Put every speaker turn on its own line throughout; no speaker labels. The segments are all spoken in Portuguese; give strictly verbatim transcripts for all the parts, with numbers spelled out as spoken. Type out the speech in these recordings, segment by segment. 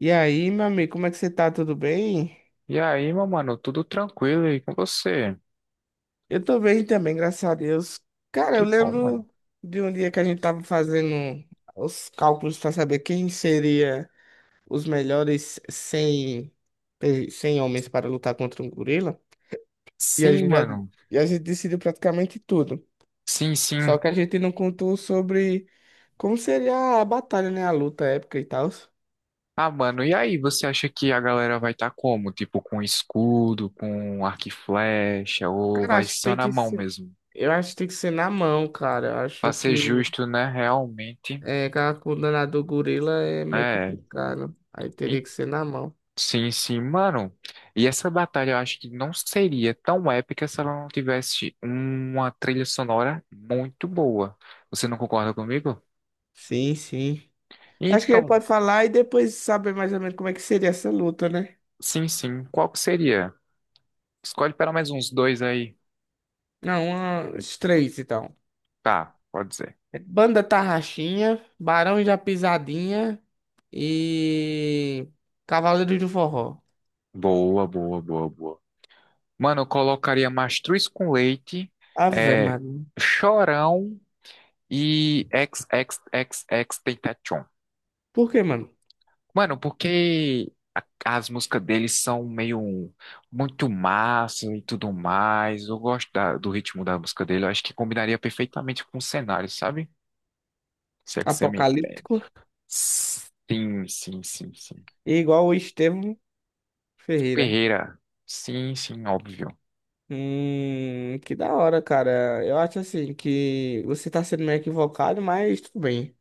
E aí, meu amigo, como é que você tá? Tudo bem?
E aí, meu mano, tudo tranquilo aí com você?
Eu tô bem também, graças a Deus. Cara, eu
Que bom, mano.
lembro de um dia que a gente tava fazendo os cálculos pra saber quem seria os melhores cem, pe- cem homens para lutar contra um gorila. E a
Sim,
gente já,
mano.
e a gente decidiu praticamente tudo.
Sim,
Só
sim.
que a gente não contou sobre como seria a batalha, né? A luta épica e tal.
Ah, mano, e aí, você acha que a galera vai estar como? Tipo, com escudo, com arco e flecha, ou
Cara,
vai
acho que
só
tem
na
que
mão
ser,
mesmo?
eu acho que tem que ser na mão, cara. Eu
Pra
acho
ser
que
justo, né? Realmente,
É, aquela coluna do gorila é meio
é.
complicado. Aí teria
E-
que ser na mão.
Sim, sim, mano. E essa batalha eu acho que não seria tão épica se ela não tivesse uma trilha sonora muito boa. Você não concorda comigo?
Sim, sim. Acho que ele
Então,
pode falar e depois saber mais ou menos como é que seria essa luta, né?
sim, sim. Qual que seria? Escolhe para mais uns dois aí.
Não, uma- os três, então.
Tá, pode ser.
Banda Tarraxinha, Barões da Pisadinha e Cavaleiros do Forró.
Boa, boa, boa, boa. Mano, eu colocaria Mastruz com leite,
Ave,
é,
mano.
Chorão e XXXX Tentacion.
Por que, mano?
Mano, porque as músicas deles são meio muito massa e tudo mais. Eu gosto da- do ritmo da música dele. Eu acho que combinaria perfeitamente com o cenário, sabe? Se é que você me
Apocalíptico
entende. Sim, sim, sim, sim.
e igual o Estevão Ferreira.
Ferreira. Sim, sim, óbvio.
Hum, que da hora, cara. Eu acho assim que você tá sendo meio equivocado, mas tudo bem.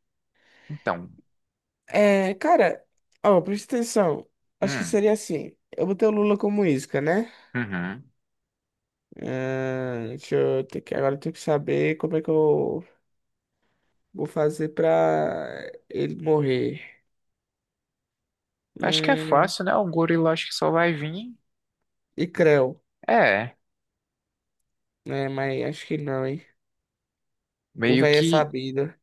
Então,
É, cara, ó, presta atenção. Acho que
hum,
seria assim. Eu botei o Lula como isca, né?
uhum.
Ah, deixa eu ter que, agora eu tenho que saber como é que eu vou fazer pra ele morrer.
Acho que é
Hum,
fácil, né? O gorila acho que só vai vir.
e creu,
É,
né? Mas acho que não, hein? O
meio
velho é
que.
sabido.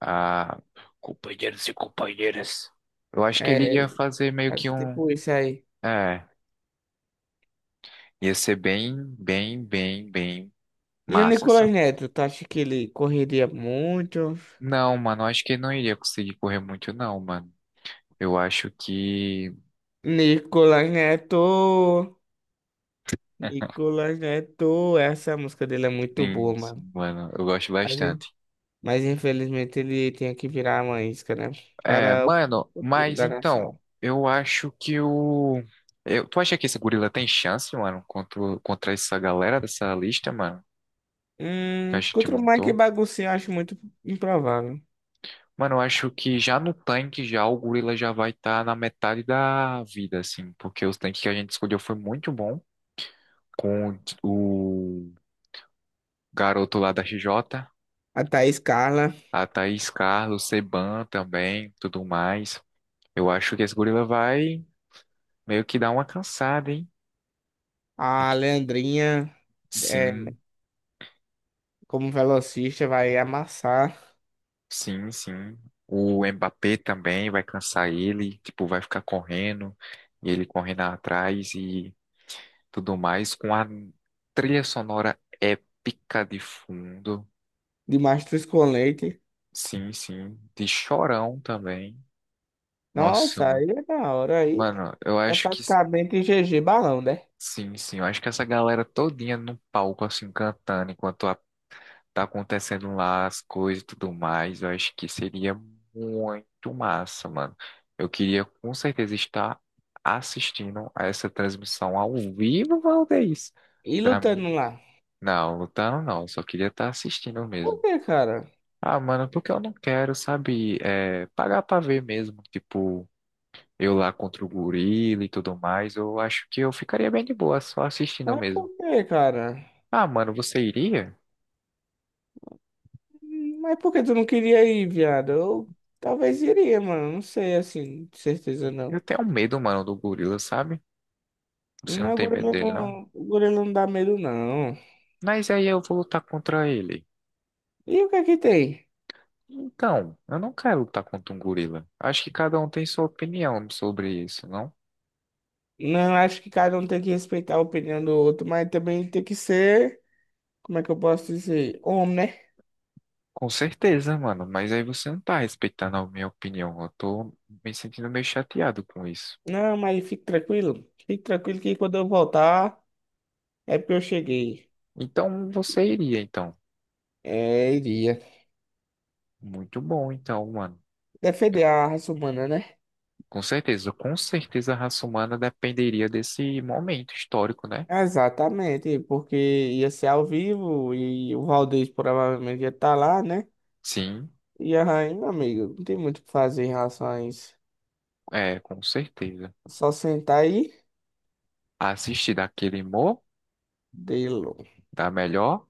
Ah, companheiros e companheiras. Eu acho que ele
É,
ia fazer meio que
mas
um.
tipo isso aí.
É, ia ser bem, bem, bem, bem
E o
massa essa
Nicolas
luta.
Neto, tu acha que ele correria muito?
Não, mano, eu acho que ele não iria conseguir correr muito, não, mano. Eu acho que.
Nicolas Neto, Nicolas Neto, essa música dele é muito
Sim,
boa, mano.
sim, mano, eu gosto bastante.
Mas, in- mas infelizmente ele tinha que virar uma isca, né?
É,
Para o
mano,
futuro
mas
da
então,
nação.
eu acho que o. eu- tu acha que esse gorila tem chance, mano, contra, contra essa galera dessa lista, mano, que a
Hum,
gente
contra o Mike
montou?
Baguncinho, eu acho muito improvável.
Mano, eu acho que já no tanque, já o gorila já vai estar na metade da vida, assim, porque os tanques que a gente escolheu foi muito bom, com o, o garoto lá da R J,
A Thaís Carla,
a Thaís Carlos, Seban também, tudo mais. Eu acho que esse gorila vai meio que dar uma cansada, hein?
a Leandrinha, é,
Sim.
como velocista, vai amassar
Sim, sim. O Mbappé também vai cansar ele, tipo, vai ficar correndo, e ele correndo atrás e tudo mais, com a trilha sonora épica de fundo.
de mastruz com leite.
Sim, sim. De Chorão também. Nossa,
Nossa,
mano.
aí é da hora, aí
Mano, eu
é
acho que.
praticamente G G balão, né?
Sim, sim. Eu acho que essa galera todinha no palco, assim, cantando, enquanto tá acontecendo lá as coisas e tudo mais. Eu acho que seria muito massa, mano. Eu queria com certeza estar assistindo a essa transmissão ao vivo, Valdez.
E
Da mi...
lutando lá.
Não, lutando não, eu só queria estar assistindo
Por
mesmo.
que, cara?
Ah, mano, porque eu não quero, sabe, é, pagar pra ver mesmo, tipo, eu lá contra o gorila e tudo mais, eu acho que eu ficaria bem de boa só assistindo
Mas por
mesmo.
quê, cara?
Ah, mano, você iria?
Mas por que tu não queria ir, viado? Eu talvez iria, mano. Não sei, assim, de certeza
Eu
não.
tenho medo, mano, do gorila, sabe? Você não
Mas o
tem medo
gorila
dele,
não,
não?
gorila não dá medo, não.
Mas aí eu vou lutar contra ele.
E o que é que tem?
Então, eu não quero lutar contra um gorila. Acho que cada um tem sua opinião sobre isso, não?
Não, acho que cada um tem que respeitar a opinião do outro, mas também tem que ser, como é que eu posso dizer? Homem, né?
Com certeza, mano, mas aí você não tá respeitando a minha opinião. Eu tô me sentindo meio chateado com isso.
Não, mas fique tranquilo. Fique tranquilo que quando eu voltar, é porque eu cheguei.
Então, você iria, então.
É, iria.
Muito bom, então, mano. Eu-
Defender a raça humana, né?
Com certeza, com certeza a raça humana dependeria desse momento histórico, né?
Exatamente, porque ia ser ao vivo e o Valdez provavelmente ia estar lá, né?
Sim,
E aí, meu amigo, não tem muito o que fazer em relação a isso.
é, com certeza.
Só sentar aí,
Assistir daquele humor,
de
dá melhor,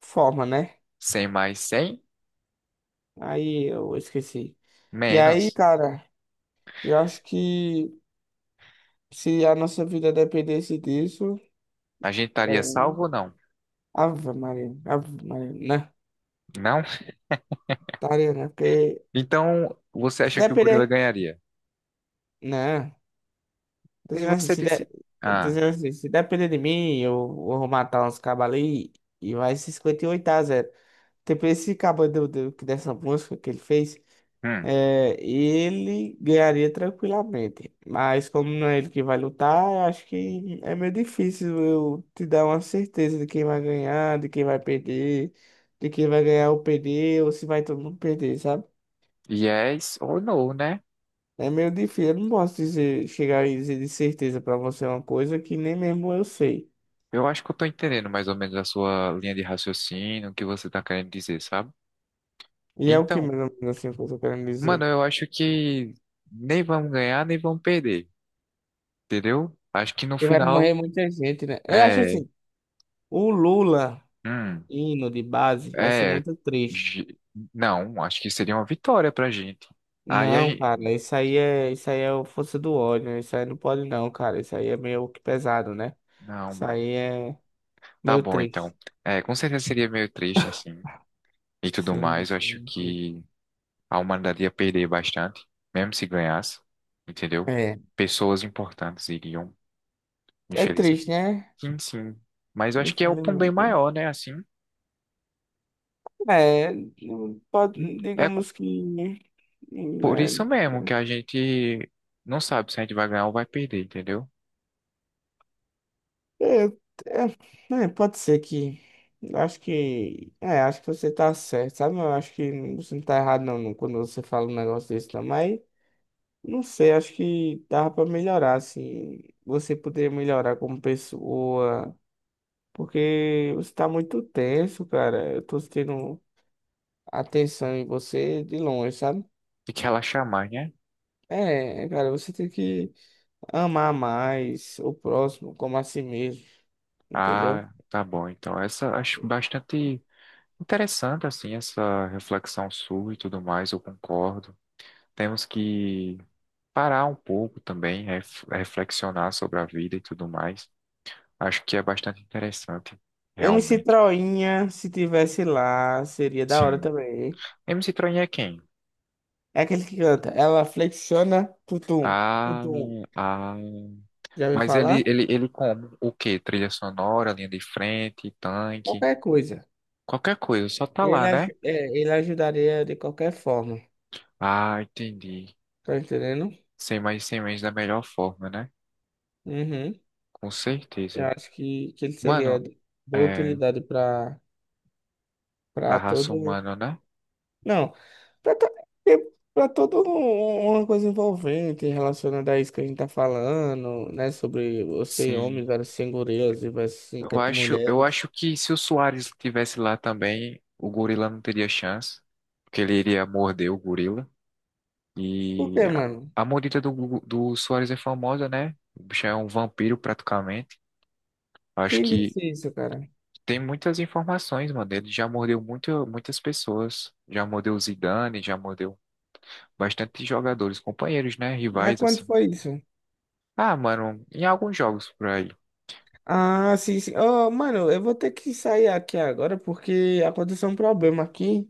forma, né?
sem mais, sem
Aí eu esqueci. E aí,
menos.
cara, eu acho que se a nossa vida dependesse disso,
A gente estaria
eu...
salvo ou não?
Ave Maria, Ave Maria, né?
Não?
Estaria, né? Porque
Então, você
se
acha que o gorila
depender,
ganharia?
né? Tô
E
dizendo assim,
você
se, der,
disse,
tô
ah,
dizendo assim, se depender de mim, eu vou matar uns cabos ali e vai ser cinquenta e oito a zero. Tipo, esse cabo do, do, dessa música que ele fez,
hum,
é, ele ganharia tranquilamente. Mas como não é ele que vai lutar, eu acho que é meio difícil eu te dar uma certeza de quem vai ganhar, de quem vai perder, de quem vai ganhar ou perder, ou se vai todo mundo perder, sabe?
yes ou no, né?
É meio difícil, eu não posso dizer, chegar e dizer de certeza pra você uma coisa que nem mesmo eu sei.
Eu acho que eu tô entendendo mais ou menos a sua linha de raciocínio, o que você tá querendo dizer, sabe?
E é o que,
Então,
mais ou menos, assim, que eu tô querendo
mano,
dizer.
eu acho que nem vamos ganhar, nem vamos perder, entendeu? Acho que no
Porque vai morrer
final,
muita gente, né? Eu acho
é,
assim, o Lula
hum,
indo de base vai ser
é,
muito triste.
gi- não, acho que seria uma vitória pra gente. Aí a
Não,
gente,
cara, isso aí é, isso aí é o força do ódio, né? Isso aí não pode não, cara, isso aí é meio que pesado, né?
não,
Isso aí é
tá
meio
bom, então.
triste.
É, com certeza seria meio triste, assim, e tudo
Sim,
mais. Eu acho
sim, sim.
que a humanidade ia perder bastante, mesmo se ganhasse, entendeu?
É,
Pessoas importantes iriam,
é
infelizmente.
triste, né?
Sim, sim. Mas eu acho que é o ponto bem
Infelizmente.
maior, né? Assim,
É, não pode,
é
digamos que,
por
né.
isso mesmo que a gente não sabe se a gente vai ganhar ou vai perder, entendeu?
É, é, é, pode ser que. Acho que. É, acho que você tá certo, sabe? Eu acho que você não tá errado, não, não, quando você fala um negócio desse, não. Mas, não sei, acho que dava pra melhorar, assim. Você poderia melhorar como pessoa. Porque você tá muito tenso, cara. Eu tô tendo atenção em você de longe, sabe?
E que relaxar mais, né?
É, cara, você tem que amar mais o próximo, como a si mesmo, entendeu?
Ah, tá bom. Então, essa acho bastante interessante, assim, essa reflexão sua e tudo mais, eu concordo. Temos que parar um pouco também, ref- reflexionar sobre a vida e tudo mais. Acho que é bastante interessante,
M C
realmente.
Troinha, se tivesse lá, seria da hora
Sim.
também.
M C Troin é quem?
É aquele que canta. Ela flexiona, tutum,
Ah,
tutum.
ah.
Já ouviu
Mas
falar?
ele, ele, ele como? O quê? Trilha sonora, linha de frente, tanque,
Qualquer coisa.
qualquer coisa, só tá
Ele,
lá,
aj-
né?
é, ele ajudaria de qualquer forma.
Ah, entendi.
Tá entendendo?
Sem mais sem menos da melhor forma, né?
Uhum.
Com
Eu
certeza.
acho que, que ele seria
Mano,
de boa
é,
utilidade para
pra
para
raça
todo.
humana, né?
Não, pra, to- pra todo um- um, uma coisa envolvente relacionada a isso que a gente tá falando, né? Sobre você e homem
Sim,
versus sem gorilas e versus sem
eu
cat-
acho, eu
mulheres.
acho que se o Soares tivesse lá também, o gorila não teria chance, porque ele iria morder o gorila.
Por
E
que,
a,
mano?
a mordida do, gu- do Soares é famosa, né? O bicho é um vampiro praticamente. Acho
Quem
que
disse isso, cara?
tem muitas informações, mano. Ele já mordeu muito, muitas pessoas. Já mordeu o Zidane, já mordeu bastante jogadores, companheiros, né?
Mas
Rivais,
quando
assim.
foi isso?
Ah, mano, em alguns jogos por aí.
Ah, sim, sim. Oh, mano, eu vou ter que sair aqui agora porque aconteceu um problema aqui.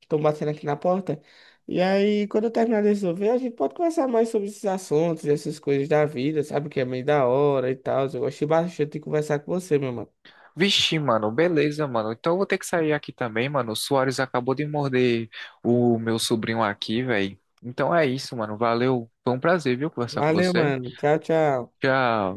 Estão batendo aqui na porta. E aí, quando eu terminar de resolver, a gente pode conversar mais sobre esses assuntos, essas coisas da vida, sabe? Que é meio da hora e tal. Eu gostei bastante de conversar com você, meu mano.
Vixe, mano, beleza, mano. Então eu vou ter que sair aqui também, mano. O Soares acabou de morder o meu sobrinho aqui, velho. Então é isso, mano. Valeu. Foi um prazer, viu, conversar com
Valeu,
você.
mano. Tchau, tchau.
Tchau.